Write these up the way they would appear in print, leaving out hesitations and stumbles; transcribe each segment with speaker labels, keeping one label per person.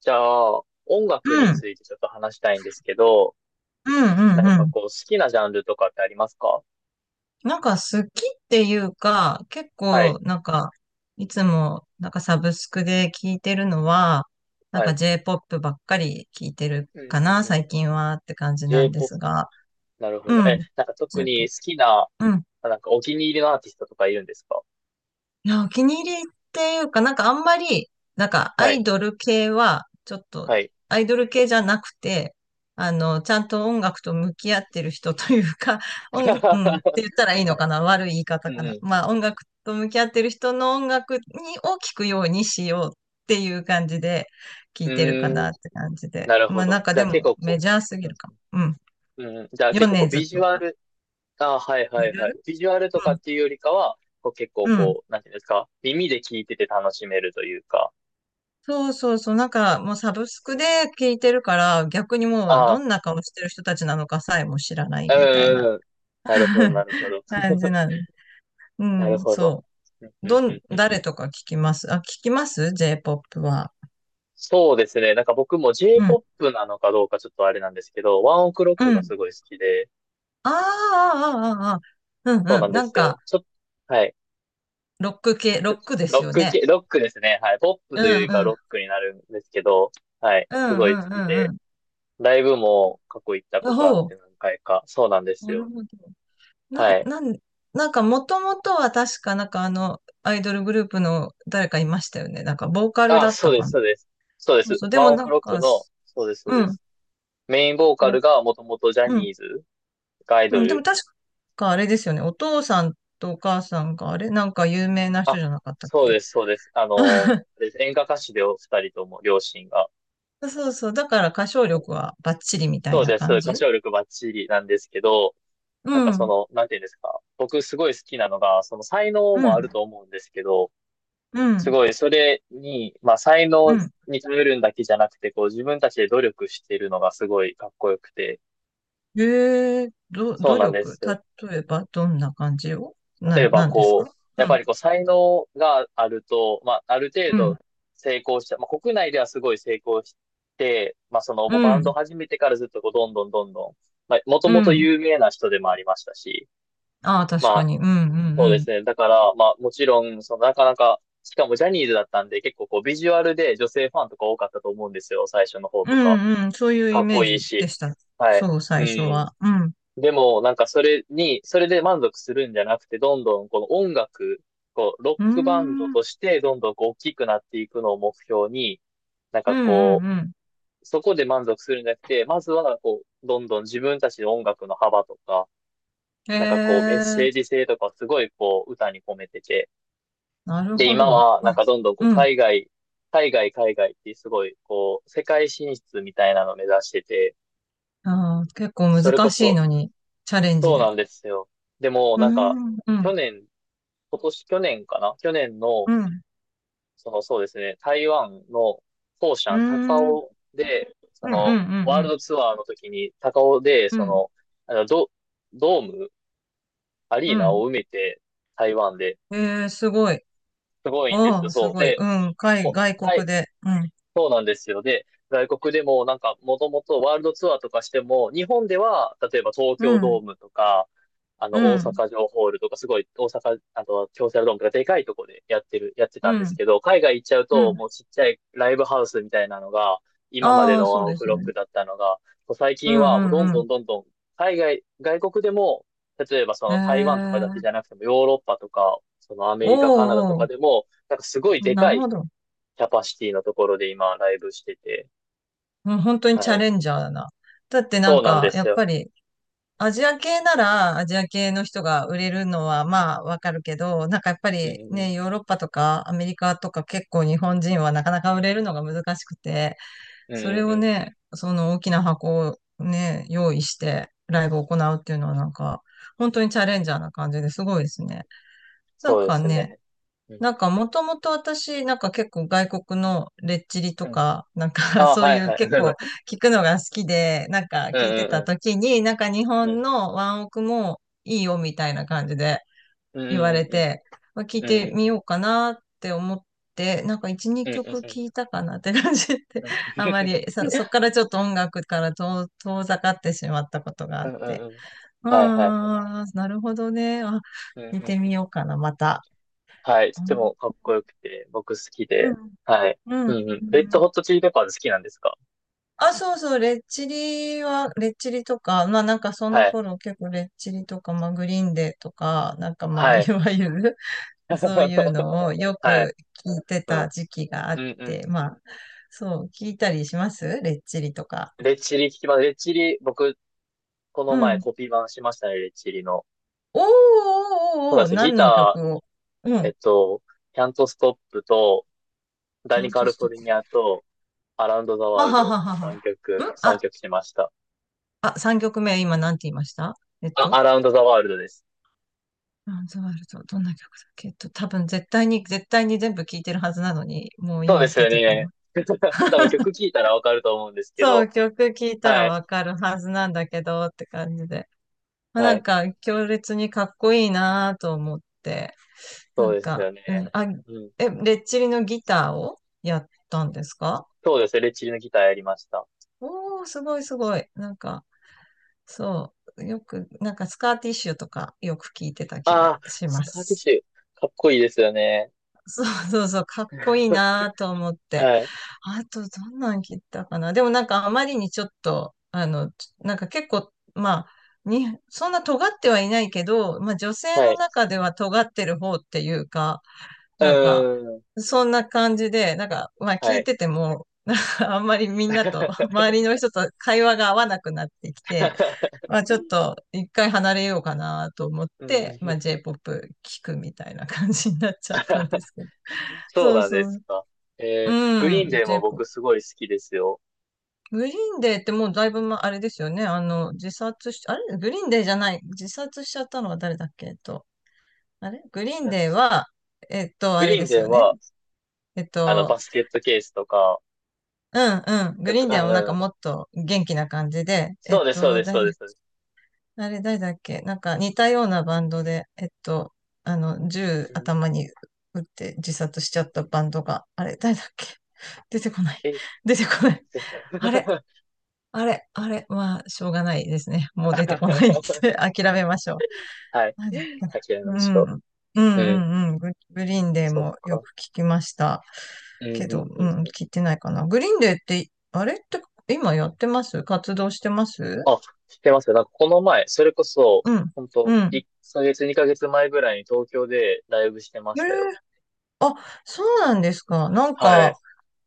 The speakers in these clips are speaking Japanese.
Speaker 1: じゃあ、音楽
Speaker 2: う
Speaker 1: に
Speaker 2: ん、
Speaker 1: ついてちょっと話したいんですけど、
Speaker 2: うん、うん、
Speaker 1: 何
Speaker 2: う
Speaker 1: か
Speaker 2: ん。
Speaker 1: こう、好きなジャンルとかってありますか？
Speaker 2: なんか好きっていうか、結
Speaker 1: はい、
Speaker 2: 構なんか、いつもなんかサブスクで聞いてるのは、なん
Speaker 1: は
Speaker 2: か
Speaker 1: い。
Speaker 2: J-POP ばっかり聞いてる
Speaker 1: うん
Speaker 2: か
Speaker 1: う
Speaker 2: な、
Speaker 1: んう
Speaker 2: 最近はって感
Speaker 1: ん。
Speaker 2: じなんで
Speaker 1: J-POP、
Speaker 2: すが。
Speaker 1: なるほど。
Speaker 2: う
Speaker 1: え、
Speaker 2: ん。
Speaker 1: なんか特に
Speaker 2: J-POP。
Speaker 1: 好きな、あなんかお気に入りのアーティストとかいるんですか？
Speaker 2: いや、お気に入りっていうか、なんかあんまり、なんかア
Speaker 1: はい、
Speaker 2: イドル系は、ちょっと、
Speaker 1: はい。
Speaker 2: アイドル系じゃなくて、あの、ちゃんと音楽と向き合ってる人というか、うん、って言っ たらいいの
Speaker 1: はい。
Speaker 2: かな悪い言い方
Speaker 1: うん
Speaker 2: かな。
Speaker 1: う
Speaker 2: まあ、音楽と向き合ってる人の音楽にを聞くようにしようっていう感じで聞
Speaker 1: ん。
Speaker 2: いてるか
Speaker 1: うー
Speaker 2: な
Speaker 1: ん、
Speaker 2: って感じで。
Speaker 1: なるほ
Speaker 2: まあ、なん
Speaker 1: ど。
Speaker 2: か
Speaker 1: じゃ
Speaker 2: で
Speaker 1: あ結
Speaker 2: も
Speaker 1: 構こ
Speaker 2: メジャーす
Speaker 1: う、
Speaker 2: ぎ
Speaker 1: うん、
Speaker 2: るかも。うん。
Speaker 1: うんうん。じゃあ
Speaker 2: ヨ
Speaker 1: 結構こう、
Speaker 2: ネズ
Speaker 1: ビジ
Speaker 2: と
Speaker 1: ュア
Speaker 2: か。
Speaker 1: ル、あ、はい
Speaker 2: メ
Speaker 1: はい
Speaker 2: ジャ
Speaker 1: は
Speaker 2: ー。
Speaker 1: い。ビジュアルと
Speaker 2: う
Speaker 1: かっ
Speaker 2: ん。
Speaker 1: ていうよりかは、こう結構
Speaker 2: うん。
Speaker 1: こう、なんていうんですか、耳で聞いてて楽しめるというか、
Speaker 2: そうそうそう、なんかもうサブス
Speaker 1: う
Speaker 2: ク
Speaker 1: ん
Speaker 2: で聞いてるから、逆にもうど
Speaker 1: あ
Speaker 2: んな顔してる人たちなのかさえも知らない
Speaker 1: う
Speaker 2: みたいな
Speaker 1: んうん。なるほど、な るほど。
Speaker 2: 感じなの。う
Speaker 1: なる
Speaker 2: ん、
Speaker 1: ほど。
Speaker 2: そ
Speaker 1: うん
Speaker 2: う。
Speaker 1: うんうんうん。
Speaker 2: 誰とか聞きます？ J-POP は。
Speaker 1: そうですね。なんか僕も
Speaker 2: うん、
Speaker 1: J-POP なのかどうかちょっとあれなんですけど、ワンオクロッ
Speaker 2: う
Speaker 1: クが
Speaker 2: ん。
Speaker 1: すごい好きで、
Speaker 2: ああ、ああ、ああ。うん、
Speaker 1: そう
Speaker 2: う
Speaker 1: な
Speaker 2: ん。
Speaker 1: んで
Speaker 2: なん
Speaker 1: すよ。
Speaker 2: か、
Speaker 1: ちょっと、はい。
Speaker 2: ロック系、
Speaker 1: ち
Speaker 2: ロ
Speaker 1: ょっと、
Speaker 2: ックで
Speaker 1: ロ
Speaker 2: す
Speaker 1: ッ
Speaker 2: よ
Speaker 1: ク
Speaker 2: ね。
Speaker 1: 系、ロックですね。はい。ポップ
Speaker 2: う
Speaker 1: というよ
Speaker 2: ん、
Speaker 1: り
Speaker 2: う
Speaker 1: かはロ
Speaker 2: ん、
Speaker 1: ックになるんですけど、はい。
Speaker 2: う
Speaker 1: す
Speaker 2: ん、
Speaker 1: ごい好
Speaker 2: う
Speaker 1: き
Speaker 2: ん、
Speaker 1: で、
Speaker 2: うん、
Speaker 1: ライブも過去行った
Speaker 2: う
Speaker 1: こ
Speaker 2: ん。
Speaker 1: とあって
Speaker 2: ほ
Speaker 1: 何回か。そうなんで
Speaker 2: う。
Speaker 1: す
Speaker 2: なる
Speaker 1: よ。
Speaker 2: ほど。な、
Speaker 1: はい。
Speaker 2: なん、なんかもともとは確かなんかあの、アイドルグループの誰かいましたよね。なんかボーカル
Speaker 1: あ、
Speaker 2: だっ
Speaker 1: そう
Speaker 2: た
Speaker 1: で
Speaker 2: か
Speaker 1: す、
Speaker 2: な。
Speaker 1: そうです。そうで
Speaker 2: そう
Speaker 1: す。
Speaker 2: そう、で
Speaker 1: ワ
Speaker 2: も
Speaker 1: ンオ
Speaker 2: な
Speaker 1: ク
Speaker 2: ん
Speaker 1: ロック
Speaker 2: か、
Speaker 1: の、そうです、そう
Speaker 2: う
Speaker 1: で
Speaker 2: ん、
Speaker 1: す。メインボーカ
Speaker 2: ぼ
Speaker 1: ルがもともとジャ
Speaker 2: う
Speaker 1: ニ
Speaker 2: ん、
Speaker 1: ーズがアイ
Speaker 2: う
Speaker 1: ド
Speaker 2: ん、でも
Speaker 1: ル、
Speaker 2: 確かあれですよね。お父さんとお母さんがあれなんか有名な人
Speaker 1: あ、
Speaker 2: じゃなかったっ
Speaker 1: そう
Speaker 2: け？
Speaker 1: です、そうです。あの、です演歌歌手でお二人とも、両親が。
Speaker 2: そうそう、だから歌唱力はバッチリみたい
Speaker 1: そう
Speaker 2: な
Speaker 1: です、
Speaker 2: 感
Speaker 1: 歌
Speaker 2: じ。
Speaker 1: 唱力バッチリなんですけど、
Speaker 2: う
Speaker 1: なんかそ
Speaker 2: ん、
Speaker 1: の、なんていうんですか。僕すごい好きなのが、その才能
Speaker 2: う
Speaker 1: もある
Speaker 2: ん、
Speaker 1: と思うんですけど、
Speaker 2: う
Speaker 1: す
Speaker 2: ん、
Speaker 1: ごいそれに、まあ才
Speaker 2: う
Speaker 1: 能
Speaker 2: ん。
Speaker 1: に頼るんだけじゃなくて、こう自分たちで努力してるのがすごいかっこよくて、
Speaker 2: え
Speaker 1: そう
Speaker 2: 努
Speaker 1: なんで
Speaker 2: 力
Speaker 1: すよ。
Speaker 2: 例えばどんな感じをな、
Speaker 1: 例えば
Speaker 2: なんです
Speaker 1: こう、
Speaker 2: かう
Speaker 1: やっぱ
Speaker 2: ん、
Speaker 1: りこう才能があると、まあある程
Speaker 2: う
Speaker 1: 度
Speaker 2: ん、
Speaker 1: 成功した、まあ国内ではすごい成功して、まあその
Speaker 2: う
Speaker 1: もうバンド
Speaker 2: ん。
Speaker 1: 始めてからずっとこうどんどんどんどん、まあもと
Speaker 2: う
Speaker 1: もと
Speaker 2: ん。
Speaker 1: 有名な人でもありましたし、
Speaker 2: ああ、
Speaker 1: ま
Speaker 2: 確か
Speaker 1: あ
Speaker 2: に。うんうんう
Speaker 1: そうで
Speaker 2: ん。
Speaker 1: すね。だからまあもちろん、そのなかなか、しかもジャニーズだったんで結構こうビジュアルで女性ファンとか多かったと思うんですよ。最初の方
Speaker 2: う
Speaker 1: とか。
Speaker 2: んうん。そういう
Speaker 1: か
Speaker 2: イ
Speaker 1: っ
Speaker 2: メ
Speaker 1: こ
Speaker 2: ー
Speaker 1: いい
Speaker 2: ジ
Speaker 1: し。
Speaker 2: でした。
Speaker 1: はい。
Speaker 2: そう、
Speaker 1: う
Speaker 2: 最初
Speaker 1: ん。
Speaker 2: は。うん。
Speaker 1: でも、なんかそれに、それで満足するんじゃなくて、どんどんこの音楽、こう、ロ
Speaker 2: う
Speaker 1: ックバンド
Speaker 2: ーん。
Speaker 1: として、どんどんこう大きくなっていくのを目標に、なん
Speaker 2: う
Speaker 1: かこ
Speaker 2: んうん
Speaker 1: う、そこで満足するんじゃなくて、まずはこう、どんどん自分たちの音楽の幅とか、
Speaker 2: うん。へ
Speaker 1: なんかこう、メッセー
Speaker 2: え、
Speaker 1: ジ性とかをすごいこう、歌に込めてて、
Speaker 2: なる
Speaker 1: で、
Speaker 2: ほ
Speaker 1: 今
Speaker 2: ど。
Speaker 1: は
Speaker 2: あ、
Speaker 1: なんかどんどんこう、
Speaker 2: うん。
Speaker 1: 海外、海外、海外ってすごい、こう、世界進出みたいなのを目指してて、
Speaker 2: あー結構
Speaker 1: それこ
Speaker 2: 難しい
Speaker 1: そ、
Speaker 2: のに、チャレンジ
Speaker 1: そう
Speaker 2: で。
Speaker 1: なんですよ。でも、
Speaker 2: うー
Speaker 1: なんか、
Speaker 2: ん、う
Speaker 1: 去
Speaker 2: ん、
Speaker 1: 年、今年、去年かな、去年の、
Speaker 2: うん、
Speaker 1: その、そうですね、台湾のフォーシ
Speaker 2: うー
Speaker 1: ャン、
Speaker 2: ん、うん、
Speaker 1: 高雄で、そ
Speaker 2: うん、う
Speaker 1: の、ワール
Speaker 2: ん、
Speaker 1: ドツアーの時に、高雄で、
Speaker 2: うん、う
Speaker 1: そ
Speaker 2: ん。
Speaker 1: の、あのドーム、ア
Speaker 2: う
Speaker 1: リーナ
Speaker 2: ん。
Speaker 1: を埋めて、台湾で、
Speaker 2: えー、すごい。
Speaker 1: すごいんです
Speaker 2: あ
Speaker 1: よ。
Speaker 2: あ、す
Speaker 1: そう。
Speaker 2: ごい。
Speaker 1: で、
Speaker 2: うん、
Speaker 1: も
Speaker 2: 外
Speaker 1: う、は
Speaker 2: 国
Speaker 1: い、
Speaker 2: で。うん、
Speaker 1: そうなんですよ。で、外国でもなんかもともとワールドツアーとかしても、日本では例えば東
Speaker 2: う
Speaker 1: 京ドー
Speaker 2: ん、
Speaker 1: ムとか、あの
Speaker 2: う
Speaker 1: 大
Speaker 2: ん、
Speaker 1: 阪城ホールとかすごい大阪、あと京セラドームとかでかいとこでやってる、やって
Speaker 2: う
Speaker 1: たんです
Speaker 2: ん、
Speaker 1: けど、海外行っちゃう
Speaker 2: う
Speaker 1: と
Speaker 2: ん。
Speaker 1: もうちっちゃいライブハウスみたいなのが、今まで
Speaker 2: ああ、
Speaker 1: の
Speaker 2: そ
Speaker 1: ワ
Speaker 2: う
Speaker 1: ンオ
Speaker 2: で
Speaker 1: ク
Speaker 2: す
Speaker 1: ロッ
Speaker 2: ね。
Speaker 1: クだったのが、最
Speaker 2: う
Speaker 1: 近はもうど
Speaker 2: ん
Speaker 1: ん
Speaker 2: う
Speaker 1: ど
Speaker 2: ん。
Speaker 1: んどんどん海外、外国でも、例えばそ
Speaker 2: え
Speaker 1: の台湾とかだけ
Speaker 2: ー、
Speaker 1: じゃなくてもヨーロッパとか、そのアメリカ、カナダと
Speaker 2: おー
Speaker 1: かで
Speaker 2: お
Speaker 1: も、なんかすごい
Speaker 2: ー。あ、
Speaker 1: で
Speaker 2: な
Speaker 1: か
Speaker 2: るほ
Speaker 1: い
Speaker 2: ど。
Speaker 1: キャパシティのところで今ライブしてて。
Speaker 2: うん。本当に
Speaker 1: は
Speaker 2: チャ
Speaker 1: い。
Speaker 2: レンジャーだな。だってな
Speaker 1: そ
Speaker 2: ん
Speaker 1: うなんで
Speaker 2: か、や
Speaker 1: す
Speaker 2: っ
Speaker 1: よ。
Speaker 2: ぱり、アジア系ならアジア系の人が売れるのはまあわかるけど、なんかやっぱ
Speaker 1: うんう
Speaker 2: り
Speaker 1: んうん。
Speaker 2: ね、ヨーロッパとかアメリカとか結構日本人はなかなか売れるのが難しくて、
Speaker 1: うん
Speaker 2: それ
Speaker 1: うん
Speaker 2: を
Speaker 1: うん。
Speaker 2: ね、その大きな箱をね、用意してライブを行うっていうのはなんか、本当にチャレンジャーな感じですごいですね。な
Speaker 1: そ
Speaker 2: ん
Speaker 1: うで
Speaker 2: か
Speaker 1: す
Speaker 2: ね、
Speaker 1: ね。うん。
Speaker 2: なんかもともと私、なんか結構外国のレッチリ
Speaker 1: う
Speaker 2: と
Speaker 1: ん。
Speaker 2: か、なんか
Speaker 1: あ あ、
Speaker 2: そう
Speaker 1: は
Speaker 2: い
Speaker 1: い
Speaker 2: う
Speaker 1: はい。
Speaker 2: 結構 聞くのが好きで、なんか
Speaker 1: うん
Speaker 2: 聞いて
Speaker 1: うんう
Speaker 2: た
Speaker 1: ん。
Speaker 2: 時に、なんか日本のワンオクもいいよみたいな感じで
Speaker 1: うん
Speaker 2: 言わ
Speaker 1: う
Speaker 2: れ
Speaker 1: んう
Speaker 2: て、
Speaker 1: ん
Speaker 2: まあ聞い
Speaker 1: うん。うん
Speaker 2: て
Speaker 1: うん
Speaker 2: み
Speaker 1: うん。
Speaker 2: ようかなって思って、なんか1、
Speaker 1: うん
Speaker 2: 2
Speaker 1: うん
Speaker 2: 曲
Speaker 1: うん。うん
Speaker 2: 聞いたかなって感じで、あまりそっからちょっと音楽から遠ざかってしまったことがあ
Speaker 1: う
Speaker 2: っ
Speaker 1: んう
Speaker 2: て。
Speaker 1: ん。はいはいはい。
Speaker 2: ああ、なるほどね。あ、
Speaker 1: うんう
Speaker 2: 聞い
Speaker 1: ん
Speaker 2: て
Speaker 1: う
Speaker 2: み
Speaker 1: ん。
Speaker 2: ようかな、また。
Speaker 1: はい。と
Speaker 2: う
Speaker 1: て
Speaker 2: ん
Speaker 1: もかっこよくて、僕好き
Speaker 2: う
Speaker 1: で。
Speaker 2: ん
Speaker 1: はい。
Speaker 2: うんうんう
Speaker 1: うんうん。レッド
Speaker 2: ん。
Speaker 1: ホットチリペッパーズ好きなんですか？
Speaker 2: あ、そうそう、レッチリは、レッチリとか、まあなんかその
Speaker 1: はい。
Speaker 2: 頃結構レッチリとか、まあグリーンデーとか、なんかまあ
Speaker 1: は
Speaker 2: い
Speaker 1: い。
Speaker 2: わゆる そういう のをよ
Speaker 1: はい。
Speaker 2: く聞いて
Speaker 1: う
Speaker 2: た
Speaker 1: ん。
Speaker 2: 時期があ
Speaker 1: うんう
Speaker 2: っ
Speaker 1: んうん。
Speaker 2: て、まあそう、聞いたりしますレッチリとか。
Speaker 1: レッチリ聞きます。レッチリ、僕、こ
Speaker 2: う
Speaker 1: の前
Speaker 2: ん。
Speaker 1: コピー版しましたね、レッチリの。
Speaker 2: おー
Speaker 1: そうな
Speaker 2: おーおー
Speaker 1: ん
Speaker 2: お
Speaker 1: で
Speaker 2: ー、
Speaker 1: すよ。ギ
Speaker 2: 何の
Speaker 1: タ
Speaker 2: 曲を？う
Speaker 1: ー、
Speaker 2: ん。
Speaker 1: キャントストップと、ダ
Speaker 2: キャ
Speaker 1: ニ
Speaker 2: ン
Speaker 1: カ
Speaker 2: ト
Speaker 1: ル
Speaker 2: ス
Speaker 1: フォ
Speaker 2: トッ
Speaker 1: ル
Speaker 2: プ。
Speaker 1: ニアと、アラウンドザワ
Speaker 2: は
Speaker 1: ール
Speaker 2: は
Speaker 1: ド
Speaker 2: は
Speaker 1: の
Speaker 2: は
Speaker 1: 3
Speaker 2: は。
Speaker 1: 曲、
Speaker 2: んあ、
Speaker 1: 3曲しました。
Speaker 2: あ、3曲目今何て言いました？えっ
Speaker 1: あ、ア
Speaker 2: と。
Speaker 1: ラウンドザワールドです。
Speaker 2: ランズワルトどんな曲だっけ？多分絶対に、絶対に全部聴いてるはずなのに、もう
Speaker 1: そうで
Speaker 2: 今
Speaker 1: す
Speaker 2: 出
Speaker 1: よ
Speaker 2: てこな
Speaker 1: ね。
Speaker 2: い。
Speaker 1: 多分曲 聴いたらわかると思うんですけ
Speaker 2: そ
Speaker 1: ど。
Speaker 2: う、曲聴いたら
Speaker 1: はい。
Speaker 2: わかるはずなんだけど、って感じで。まあ、
Speaker 1: は
Speaker 2: なん
Speaker 1: い。
Speaker 2: か、強烈にかっこいいなと思って、な
Speaker 1: そう
Speaker 2: ん
Speaker 1: です
Speaker 2: か、
Speaker 1: よ
Speaker 2: う
Speaker 1: ね。
Speaker 2: ん、あ、
Speaker 1: うん。
Speaker 2: え、レッチリのギターをやったんですか？
Speaker 1: そうですよね。レッチリのギターやりました。
Speaker 2: おー、すごいすごい。なんか、そう、よく、なんかスカーティッシュとかよく聴いてた気
Speaker 1: あ
Speaker 2: が
Speaker 1: あ、
Speaker 2: し
Speaker 1: ス
Speaker 2: ま
Speaker 1: カーティッシ
Speaker 2: す。
Speaker 1: ュ。かっこいいですよね。
Speaker 2: そう そうそう、かっこいい なと思って。
Speaker 1: はい。
Speaker 2: あと、どんなん切ったかな。でもなんかあまりにちょっと、あの、なんか結構、まあ、そんな尖ってはいないけど、まあ女性
Speaker 1: は
Speaker 2: の
Speaker 1: い。
Speaker 2: 中では尖ってる方っていうか、
Speaker 1: う
Speaker 2: なんか、
Speaker 1: ーん。
Speaker 2: そんな感じで、なんか、まあ
Speaker 1: は
Speaker 2: 聞い
Speaker 1: い。
Speaker 2: てても、あんまりみんなと、周りの人と会話が合わなくなってきて、まあちょっと一回離れようかなと思っ
Speaker 1: う
Speaker 2: て、まあ
Speaker 1: ん。
Speaker 2: J-POP 聞くみたいな感じになっちゃったんで すけど。
Speaker 1: そう
Speaker 2: そう
Speaker 1: なん
Speaker 2: そ
Speaker 1: です
Speaker 2: う。
Speaker 1: か。えー、グ
Speaker 2: う
Speaker 1: リーン
Speaker 2: ん、
Speaker 1: デー
Speaker 2: j
Speaker 1: も
Speaker 2: p o
Speaker 1: 僕すごい好きですよ。
Speaker 2: グリーンデーってもうだいぶ、ま、あれですよね。あの、自殺し、あれグリーンデーじゃない。自殺しちゃったのは誰だっけ？あれグリーンデーは、
Speaker 1: グ
Speaker 2: あれ
Speaker 1: リー
Speaker 2: で
Speaker 1: ン
Speaker 2: す
Speaker 1: デー
Speaker 2: よね。
Speaker 1: は、
Speaker 2: えっ
Speaker 1: あの、バ
Speaker 2: と、
Speaker 1: スケットケースとか、
Speaker 2: うんうん。グ
Speaker 1: よ
Speaker 2: リー
Speaker 1: く、
Speaker 2: ンデ
Speaker 1: あ
Speaker 2: ーはなんか
Speaker 1: の
Speaker 2: もっと元気な感じで、
Speaker 1: そうです、そうです、
Speaker 2: 誰
Speaker 1: そう
Speaker 2: だ、
Speaker 1: です。そうです。
Speaker 2: あれ誰だっけ？なんか似たようなバンドで、あの、銃
Speaker 1: うん。
Speaker 2: 頭に撃って自殺しちゃったバンドが、あれ誰だっけ？ 出てこない。
Speaker 1: え、
Speaker 2: 出てこない。
Speaker 1: ぜ
Speaker 2: あれ、あれ、あれ、まあ、しょうがないですね。もう出てこないって 諦めましょう。
Speaker 1: はい。
Speaker 2: なんだっけな。
Speaker 1: あきらめま
Speaker 2: う
Speaker 1: し
Speaker 2: ん。
Speaker 1: ょ
Speaker 2: うんう
Speaker 1: う。うん。
Speaker 2: んうん。グリーンデー
Speaker 1: そっ
Speaker 2: もよ
Speaker 1: か。
Speaker 2: く聞きました。
Speaker 1: うん、
Speaker 2: け
Speaker 1: う
Speaker 2: ど、
Speaker 1: ん、う
Speaker 2: うん、
Speaker 1: ん。
Speaker 2: 聞いてないかな。グリーンデーって、あれって今やってます？活動してます？
Speaker 1: あ、知ってますよ。なんかこの前、それこそ、
Speaker 2: うん。
Speaker 1: ほんと、
Speaker 2: うん。
Speaker 1: 1ヶ月、2ヶ月前ぐらいに東京でライブしてま
Speaker 2: え
Speaker 1: し
Speaker 2: ー。
Speaker 1: たよ。
Speaker 2: あ、そうなんですか。なん
Speaker 1: は
Speaker 2: か、
Speaker 1: い。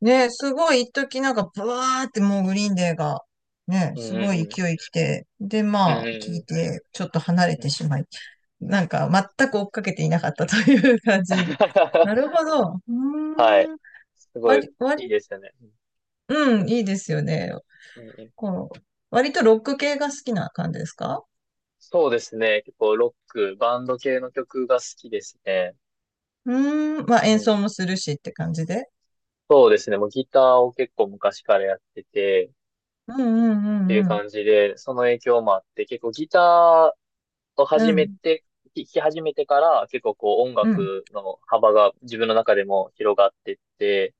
Speaker 2: ね、すごい一時なんか、ブワーってもうグリーンデーが、ね、
Speaker 1: うん、
Speaker 2: す
Speaker 1: う
Speaker 2: ご
Speaker 1: ん、
Speaker 2: い
Speaker 1: う
Speaker 2: 勢
Speaker 1: ん。
Speaker 2: い来て、で、
Speaker 1: う
Speaker 2: まあ、聞
Speaker 1: ん、う
Speaker 2: い
Speaker 1: ん、
Speaker 2: て、ちょっと離れ
Speaker 1: うん。う
Speaker 2: て
Speaker 1: ん
Speaker 2: しまい、なんか、全く追っかけていなかったという感じ。な るほど。う
Speaker 1: はい。
Speaker 2: ーん。
Speaker 1: すごい、
Speaker 2: 割、
Speaker 1: いい
Speaker 2: 割、
Speaker 1: ですよね。うん、
Speaker 2: う
Speaker 1: ん、
Speaker 2: ん、いいですよね。
Speaker 1: うん、うん、
Speaker 2: こう、割とロック系が好きな感じですか？
Speaker 1: そうですね。結構ロック、バンド系の曲が好きですね。
Speaker 2: うーん。まあ、
Speaker 1: う
Speaker 2: 演奏
Speaker 1: ん。
Speaker 2: もするしって感じで。
Speaker 1: そうですね。もうギターを結構昔からやってて、
Speaker 2: うん、う
Speaker 1: っていう
Speaker 2: ん、うん、
Speaker 1: 感じで、その影響もあって、結構ギターを
Speaker 2: う
Speaker 1: 始め
Speaker 2: ん。
Speaker 1: て、弾き始めてから、結構こう音
Speaker 2: うん、うん。
Speaker 1: 楽の幅が自分の中でも広がってって、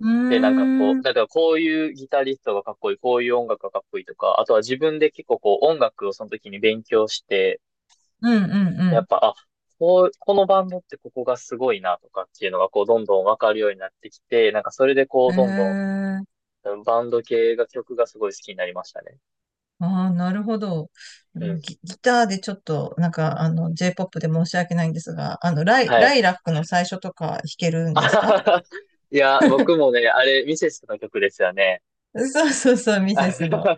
Speaker 2: うー
Speaker 1: で、なんか
Speaker 2: ん、
Speaker 1: こ
Speaker 2: うん、
Speaker 1: う、だからこういうギタリストがかっこいい、こういう音楽がかっこいいとか、あとは自分で結構こう音楽をその時に勉強して、
Speaker 2: うん、う
Speaker 1: や
Speaker 2: ん。
Speaker 1: っぱ、あ、こう、このバンドってここがすごいなとかっていうのが、こう、どんどんわかるようになってきて、なんかそれでこう、どんど
Speaker 2: ええ。
Speaker 1: ん、バンド系が曲がすごい好きになりましたね。
Speaker 2: ああ、なるほど。
Speaker 1: うん。
Speaker 2: ギターでちょっと、なんか、あの、J-POP で申し訳ないんですが、あの、
Speaker 1: はい。
Speaker 2: ライラックの最初とか弾ける ん
Speaker 1: あは
Speaker 2: ですか？
Speaker 1: ははいや、僕もね、あれ、ミセスの曲ですよね。
Speaker 2: そうそうそう、ミセ
Speaker 1: あ
Speaker 2: ス
Speaker 1: で、
Speaker 2: の。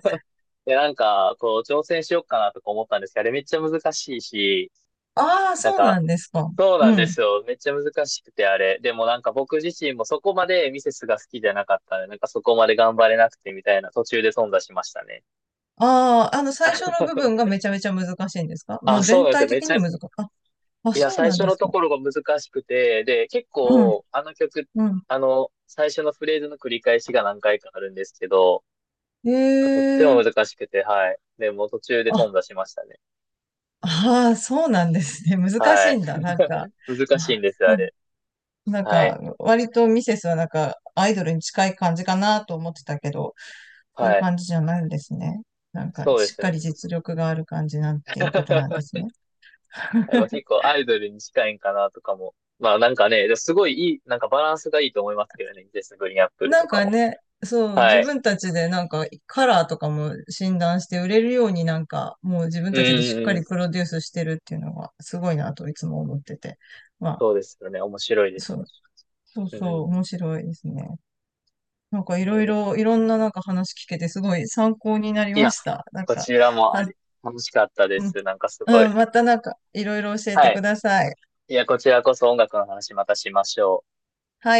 Speaker 1: なんか、こう、挑戦しようかなとか思ったんですけど、あれめっちゃ難しいし、
Speaker 2: ああ、
Speaker 1: なん
Speaker 2: そうな
Speaker 1: か、
Speaker 2: んですか。
Speaker 1: そう
Speaker 2: う
Speaker 1: なんで
Speaker 2: ん。
Speaker 1: すよ。めっちゃ難しくて、あれ。でもなんか僕自身もそこまでミセスが好きじゃなかったんで、なんかそこまで頑張れなくてみたいな途中で頓挫しましたね。
Speaker 2: ああ、あの、最初の部分 がめちゃめちゃ難しいんですか？
Speaker 1: あ
Speaker 2: も
Speaker 1: あ、
Speaker 2: う
Speaker 1: そう
Speaker 2: 全
Speaker 1: なんです
Speaker 2: 体
Speaker 1: よ。め
Speaker 2: 的
Speaker 1: ち
Speaker 2: に
Speaker 1: ゃ、
Speaker 2: 難しい？あ、あ、
Speaker 1: いや、
Speaker 2: そう
Speaker 1: 最
Speaker 2: なん
Speaker 1: 初
Speaker 2: で
Speaker 1: の
Speaker 2: す
Speaker 1: と
Speaker 2: か。
Speaker 1: ころが難しくて、で、結
Speaker 2: うん、
Speaker 1: 構、あの曲、
Speaker 2: うん。
Speaker 1: 最初のフレーズの繰り返しが何回かあるんですけど、とって
Speaker 2: え
Speaker 1: も
Speaker 2: え。
Speaker 1: 難しくて、はい。で、もう途中で頓挫
Speaker 2: あ、
Speaker 1: しましたね。
Speaker 2: ああ、そうなんですね。難し
Speaker 1: は
Speaker 2: い
Speaker 1: い。
Speaker 2: んだ。なんか。
Speaker 1: 難しい
Speaker 2: あ、
Speaker 1: んですよ、あれ。
Speaker 2: なん
Speaker 1: は
Speaker 2: か、
Speaker 1: い。
Speaker 2: 割とミセスはなんか、アイドルに近い感じかなと思ってたけど、そういう
Speaker 1: はい。
Speaker 2: 感じじゃないんですね。なんか、
Speaker 1: そうで
Speaker 2: しっ
Speaker 1: すね。
Speaker 2: かり実力がある感じなんていうことなんです ね。
Speaker 1: はい、まあ、結構アイドルに近いんかなとかも。まあなんかね、すごいいい、なんかバランスがいいと思いますけどね。ジェス・グリーンアップル
Speaker 2: な
Speaker 1: と
Speaker 2: ん
Speaker 1: か
Speaker 2: か
Speaker 1: も。
Speaker 2: ね、そう、
Speaker 1: は
Speaker 2: 自
Speaker 1: い。
Speaker 2: 分たちでなんか、カラーとかも診断して売れるようになんか、もう自分
Speaker 1: う
Speaker 2: たちで
Speaker 1: ん
Speaker 2: しっ
Speaker 1: う
Speaker 2: か
Speaker 1: んう
Speaker 2: り
Speaker 1: ん。
Speaker 2: プロデュースしてるっていうのがすごいなといつも思ってて。まあ、
Speaker 1: そうですよね。面白いです
Speaker 2: そ
Speaker 1: ね。
Speaker 2: う、そう
Speaker 1: う
Speaker 2: そう、
Speaker 1: ん。
Speaker 2: 面白いですね。なんかい
Speaker 1: いや
Speaker 2: ろ
Speaker 1: い
Speaker 2: い
Speaker 1: や。
Speaker 2: ろ、いろんななんか話聞けてすごい参考になり
Speaker 1: い
Speaker 2: ま
Speaker 1: や、
Speaker 2: した。なん
Speaker 1: こ
Speaker 2: か、
Speaker 1: ちらもあ
Speaker 2: あ、
Speaker 1: り、楽しかったです。なんかすご
Speaker 2: う
Speaker 1: い。
Speaker 2: ん、またなんかいろいろ教えて
Speaker 1: は
Speaker 2: く
Speaker 1: い。
Speaker 2: ださい。
Speaker 1: いや、こちらこそ音楽の話またしましょう。
Speaker 2: はい。